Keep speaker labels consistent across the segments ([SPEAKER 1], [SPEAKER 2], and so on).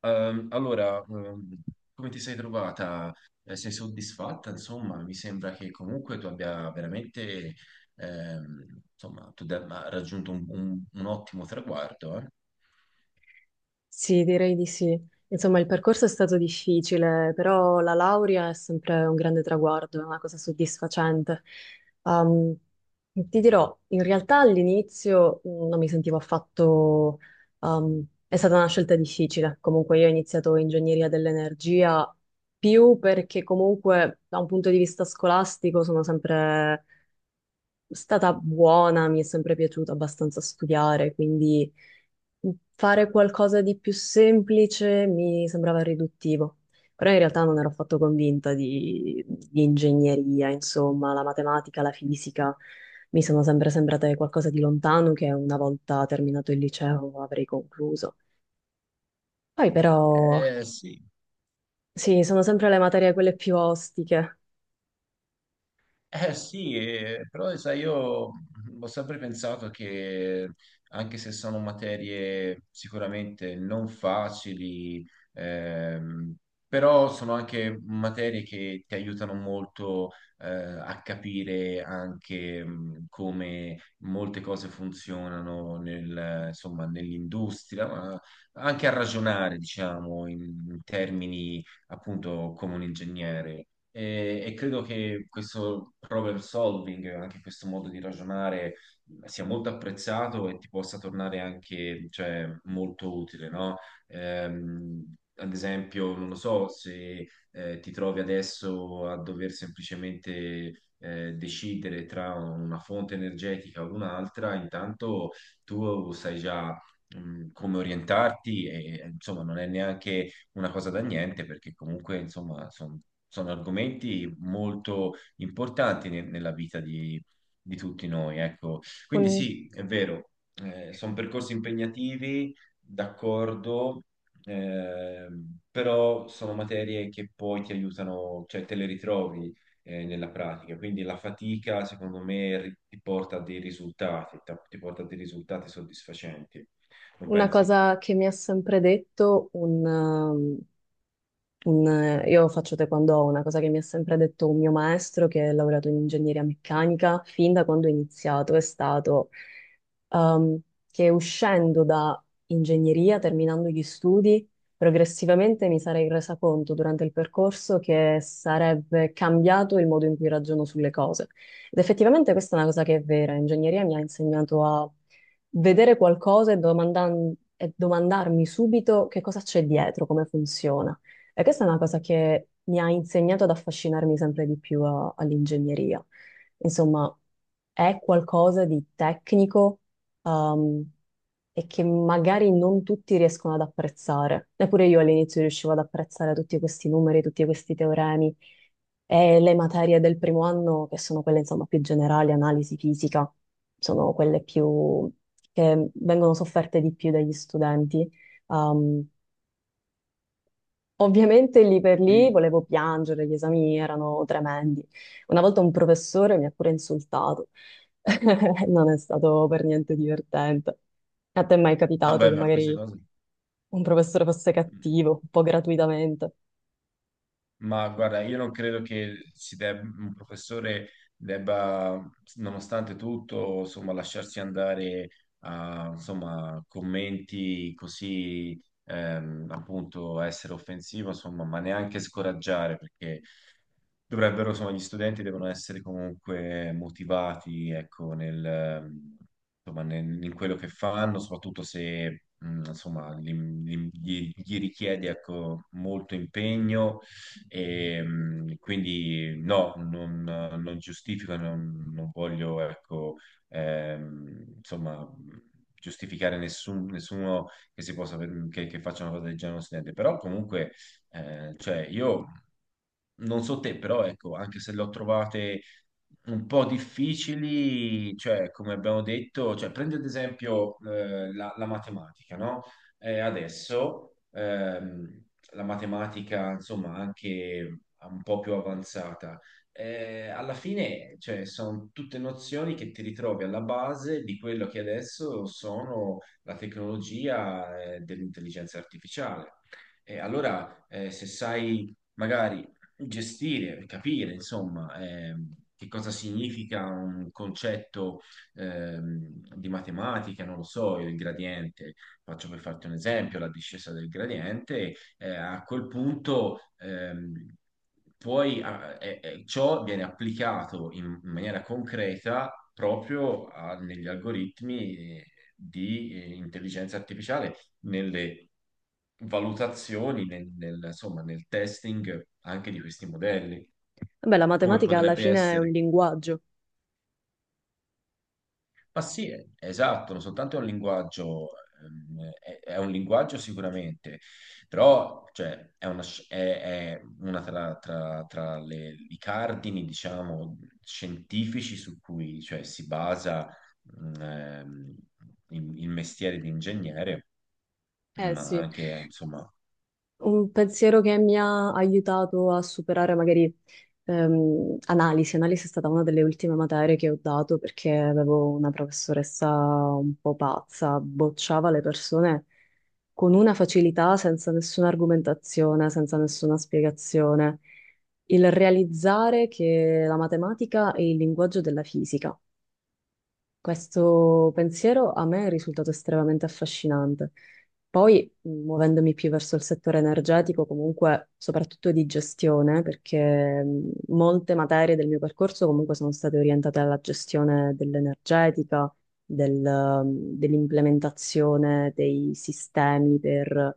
[SPEAKER 1] Ehm, allora, ehm, come ti sei trovata? Sei soddisfatta? Insomma, mi sembra che comunque tu abbia veramente, insomma, tu abbia raggiunto un ottimo traguardo, eh?
[SPEAKER 2] Sì, direi di sì. Insomma, il percorso è stato difficile, però la laurea è sempre un grande traguardo, è una cosa soddisfacente. Um, Ti dirò, in realtà all'inizio non mi sentivo affatto... è stata una scelta difficile. Comunque io ho iniziato ingegneria dell'energia più perché comunque da un punto di vista scolastico sono sempre stata buona, mi è sempre piaciuto abbastanza studiare, quindi fare qualcosa di più semplice mi sembrava riduttivo. Però in realtà non ero affatto convinta di ingegneria, insomma, la matematica, la fisica mi sono sempre sembrate qualcosa di lontano che una volta terminato il liceo avrei concluso. Poi però,
[SPEAKER 1] Sì.
[SPEAKER 2] sì, sono sempre le materie quelle più ostiche.
[SPEAKER 1] Eh sì, però sai, io ho sempre pensato che anche se sono materie sicuramente non facili, ehm, però sono anche materie che ti aiutano molto a capire anche come molte cose funzionano insomma, nell'industria, ma anche a ragionare, diciamo, in termini appunto come un ingegnere. E credo che questo problem solving, anche questo modo di ragionare, sia molto apprezzato e ti possa tornare anche, cioè, molto utile, no? Ad esempio, non lo so, se ti trovi adesso a dover semplicemente decidere tra una fonte energetica o un'altra, intanto tu sai già come orientarti e, insomma, non è neanche una cosa da niente, perché comunque, insomma, sono argomenti molto importanti nella vita di tutti noi, ecco. Quindi
[SPEAKER 2] Un-
[SPEAKER 1] sì, è vero, sono percorsi impegnativi, d'accordo, però sono materie che poi ti aiutano, cioè te le ritrovi nella pratica. Quindi la fatica, secondo me, ti porta a dei risultati, ti porta a dei risultati soddisfacenti. Non
[SPEAKER 2] una
[SPEAKER 1] pensi?
[SPEAKER 2] cosa che mi ha sempre detto io faccio taekwondo, una cosa che mi ha sempre detto un mio maestro che ha lavorato in ingegneria meccanica fin da quando ho iniziato è stato ehm, che uscendo da ingegneria, terminando gli studi, progressivamente mi sarei resa conto durante il percorso che sarebbe cambiato il modo in cui ragiono sulle cose. Ed effettivamente questa è una cosa che è vera. Ingegneria mi ha insegnato a vedere qualcosa e e domandarmi subito che cosa c'è dietro, come funziona. E questa è una cosa che mi ha insegnato ad affascinarmi sempre di più all'ingegneria. Insomma, è qualcosa di tecnico, um, e che magari non tutti riescono ad apprezzare. Neppure io all'inizio riuscivo ad apprezzare tutti questi numeri, tutti questi teoremi e le materie del primo anno, che sono quelle, insomma, più generali, analisi fisica, sono quelle più che vengono sofferte di più dagli studenti. Um, Ovviamente lì per lì
[SPEAKER 1] Sì.
[SPEAKER 2] volevo piangere, gli esami erano tremendi. Una volta un professore mi ha pure insultato. Non è stato per niente divertente. A te è mai
[SPEAKER 1] Ah
[SPEAKER 2] capitato
[SPEAKER 1] beh,
[SPEAKER 2] che
[SPEAKER 1] ma queste
[SPEAKER 2] magari
[SPEAKER 1] cose...
[SPEAKER 2] un professore fosse
[SPEAKER 1] Mm.
[SPEAKER 2] cattivo, un po' gratuitamente?
[SPEAKER 1] Ma guarda, io non credo che un professore debba, nonostante tutto, insomma, lasciarsi andare a, insomma, commenti così, appunto, essere offensivo, insomma, ma neanche scoraggiare, perché dovrebbero, insomma, gli studenti devono essere comunque motivati, ecco, insomma, in quello che fanno, soprattutto se, insomma, gli richiede, ecco, molto impegno e, quindi no, non giustifico, non voglio, ecco, insomma, giustificare nessuno che si possa, che faccia una cosa del genere a uno studente, però comunque, cioè, io non so te, però ecco, anche se le ho trovate un po' difficili, cioè come abbiamo detto, cioè, prendi ad esempio la matematica, no? Adesso la matematica, insomma, anche un po' più avanzata. Alla fine, cioè, sono tutte nozioni che ti ritrovi alla base di quello che adesso sono la tecnologia dell'intelligenza artificiale. E allora, se sai magari gestire, capire, insomma, che cosa significa un concetto di matematica, non lo so, il gradiente, faccio per farti un esempio, la discesa del gradiente, a quel punto poi e ciò viene applicato in maniera concreta proprio negli algoritmi di intelligenza artificiale, nelle valutazioni insomma, nel testing anche di questi modelli,
[SPEAKER 2] Vabbè, la
[SPEAKER 1] come
[SPEAKER 2] matematica alla
[SPEAKER 1] potrebbe
[SPEAKER 2] fine è un
[SPEAKER 1] essere.
[SPEAKER 2] linguaggio.
[SPEAKER 1] Ma sì, esatto, non soltanto è un linguaggio, è un linguaggio sicuramente, però cioè, è una tra i cardini, diciamo, scientifici su cui cioè, si basa mh, ehm, il mestiere di ingegnere,
[SPEAKER 2] Eh
[SPEAKER 1] ma
[SPEAKER 2] sì.
[SPEAKER 1] anche, insomma.
[SPEAKER 2] Un pensiero che mi ha aiutato a superare magari analisi. Analisi è stata una delle ultime materie che ho dato perché avevo una professoressa un po' pazza, bocciava le persone con una facilità senza nessuna argomentazione, senza nessuna spiegazione. Il realizzare che la matematica è il linguaggio della fisica. Questo pensiero a me è risultato estremamente affascinante. Poi, muovendomi più verso il settore energetico, comunque soprattutto di gestione, perché molte materie del mio percorso comunque sono state orientate alla gestione dell'energetica, del, mh, dell'implementazione dei sistemi per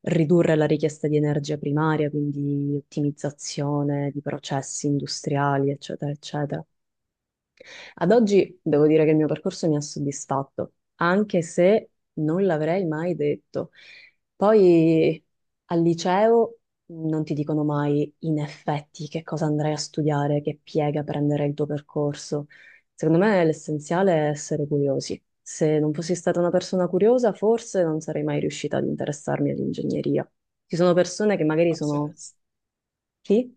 [SPEAKER 2] ridurre la richiesta di energia primaria, quindi ottimizzazione di processi industriali, eccetera, eccetera. Ad oggi devo dire che il mio percorso mi ha soddisfatto, anche se non l'avrei mai detto. Poi al liceo non ti dicono mai in effetti che cosa andrai a studiare, che piega prenderai il tuo percorso. Secondo me l'essenziale è essere curiosi. Se non fossi stata una persona curiosa, forse non sarei mai riuscita ad interessarmi all'ingegneria. Ci sono persone che magari sono... Sì?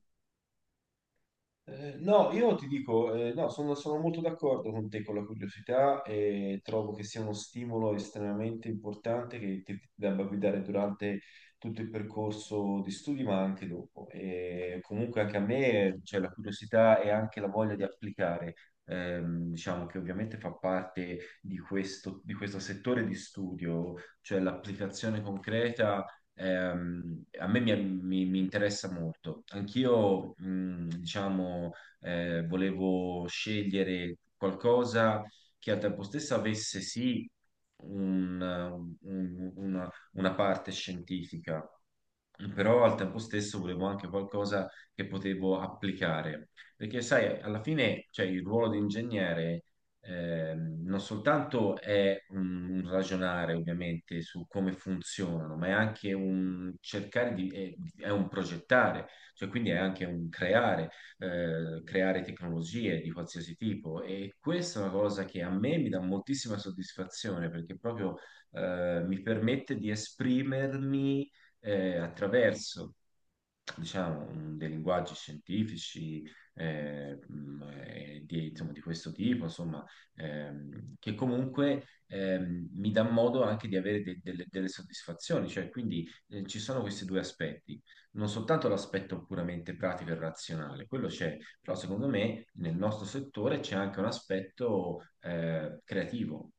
[SPEAKER 1] No, io ti dico, no, sono molto d'accordo con te con la curiosità e trovo che sia uno stimolo estremamente importante che ti debba guidare durante tutto il percorso di studi, ma anche dopo. E comunque anche a me, c'è la curiosità e anche la voglia di applicare, diciamo che ovviamente fa parte di questo settore di studio, cioè l'applicazione concreta a me mi, mi- mi interessa molto. Anch'io, diciamo, volevo scegliere qualcosa che al tempo stesso avesse sì un- una parte scientifica, però al tempo stesso volevo anche qualcosa che potevo applicare, perché sai, alla fine, cioè, il ruolo di ingegnere non soltanto è un ragionare ovviamente su come funzionano, ma è anche un cercare di, è un progettare, cioè quindi è anche un creare, creare tecnologie di qualsiasi tipo e questa è una cosa che a me mi dà moltissima soddisfazione perché proprio mi permette di esprimermi attraverso diciamo, dei linguaggi scientifici di, insomma, di questo tipo, insomma, che comunque mi dà modo anche di avere delle soddisfazioni, cioè quindi ci sono questi due aspetti, non soltanto l'aspetto puramente pratico e razionale, quello c'è, però secondo me nel nostro settore c'è anche un aspetto creativo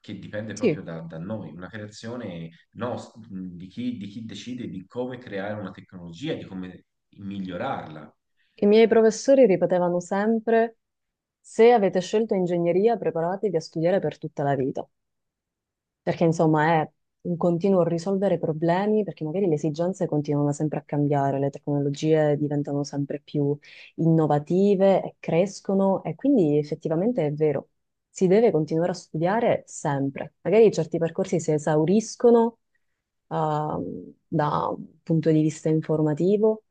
[SPEAKER 1] che dipende proprio
[SPEAKER 2] Sì.
[SPEAKER 1] da noi, una creazione di chi decide di come creare una tecnologia, di come migliorarla.
[SPEAKER 2] I miei professori ripetevano sempre... Se avete scelto ingegneria, preparatevi a studiare per tutta la vita, perché insomma è un continuo risolvere problemi, perché magari le esigenze continuano sempre a cambiare, le tecnologie diventano sempre più innovative e crescono e quindi effettivamente è vero, si deve continuare a studiare sempre. Magari certi percorsi si esauriscono, da un punto di vista informativo.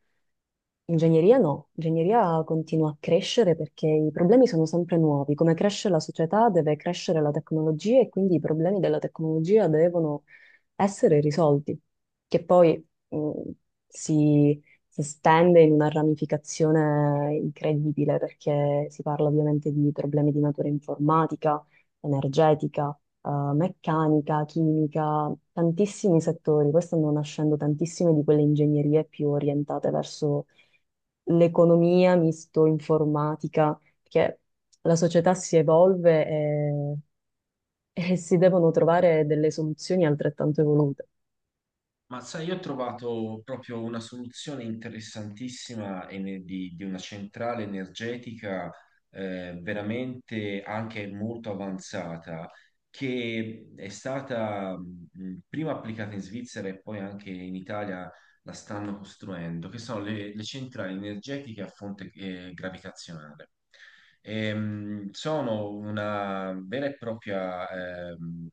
[SPEAKER 2] Ingegneria no, ingegneria continua a crescere perché i problemi sono sempre nuovi. Come cresce la società, deve crescere la tecnologia e quindi i problemi della tecnologia devono essere risolti, che poi si, si estende in una ramificazione incredibile perché si parla ovviamente di problemi di natura informatica, energetica, eh, meccanica, chimica, tantissimi settori. Questo stanno nascendo tantissime di quelle ingegnerie più orientate verso l'economia misto informatica, perché la società si evolve e, e si devono trovare delle soluzioni altrettanto evolute.
[SPEAKER 1] Ma sai, io ho trovato proprio una soluzione interessantissima e di una centrale energetica veramente anche molto avanzata, che è stata prima applicata in Svizzera e poi anche in Italia la stanno costruendo, che sono le centrali energetiche a fonte gravitazionale. Sono una vera e propria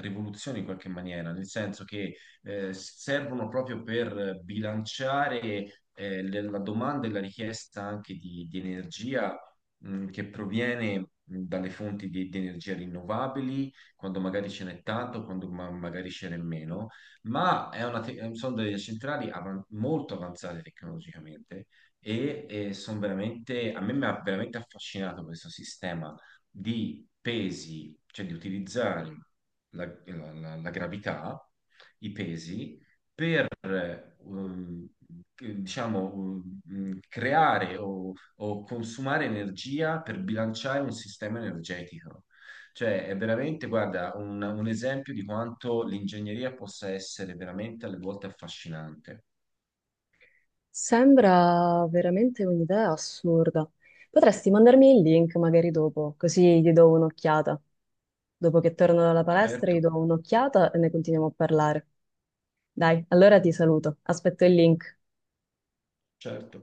[SPEAKER 1] rivoluzione in qualche maniera, nel senso che servono proprio per bilanciare la domanda e la richiesta anche di energia che proviene dalle fonti di energia rinnovabili, quando magari ce n'è tanto, quando magari ce n'è meno, ma è sono delle centrali molto avanzate tecnologicamente e sono veramente, a me mi ha veramente affascinato questo sistema di pesi, cioè di utilizzare la gravità, i pesi per ehm, che- diciamo, mm, creare o consumare energia per bilanciare un sistema energetico. Cioè, è veramente, guarda, un esempio di quanto l'ingegneria possa essere veramente alle volte affascinante.
[SPEAKER 2] Sembra veramente un'idea assurda. Potresti mandarmi il link magari dopo, così gli do un'occhiata. Dopo che torno dalla palestra,
[SPEAKER 1] Certo,
[SPEAKER 2] gli do un'occhiata e ne continuiamo a parlare. Dai, allora ti saluto. Aspetto il link.
[SPEAKER 1] certo.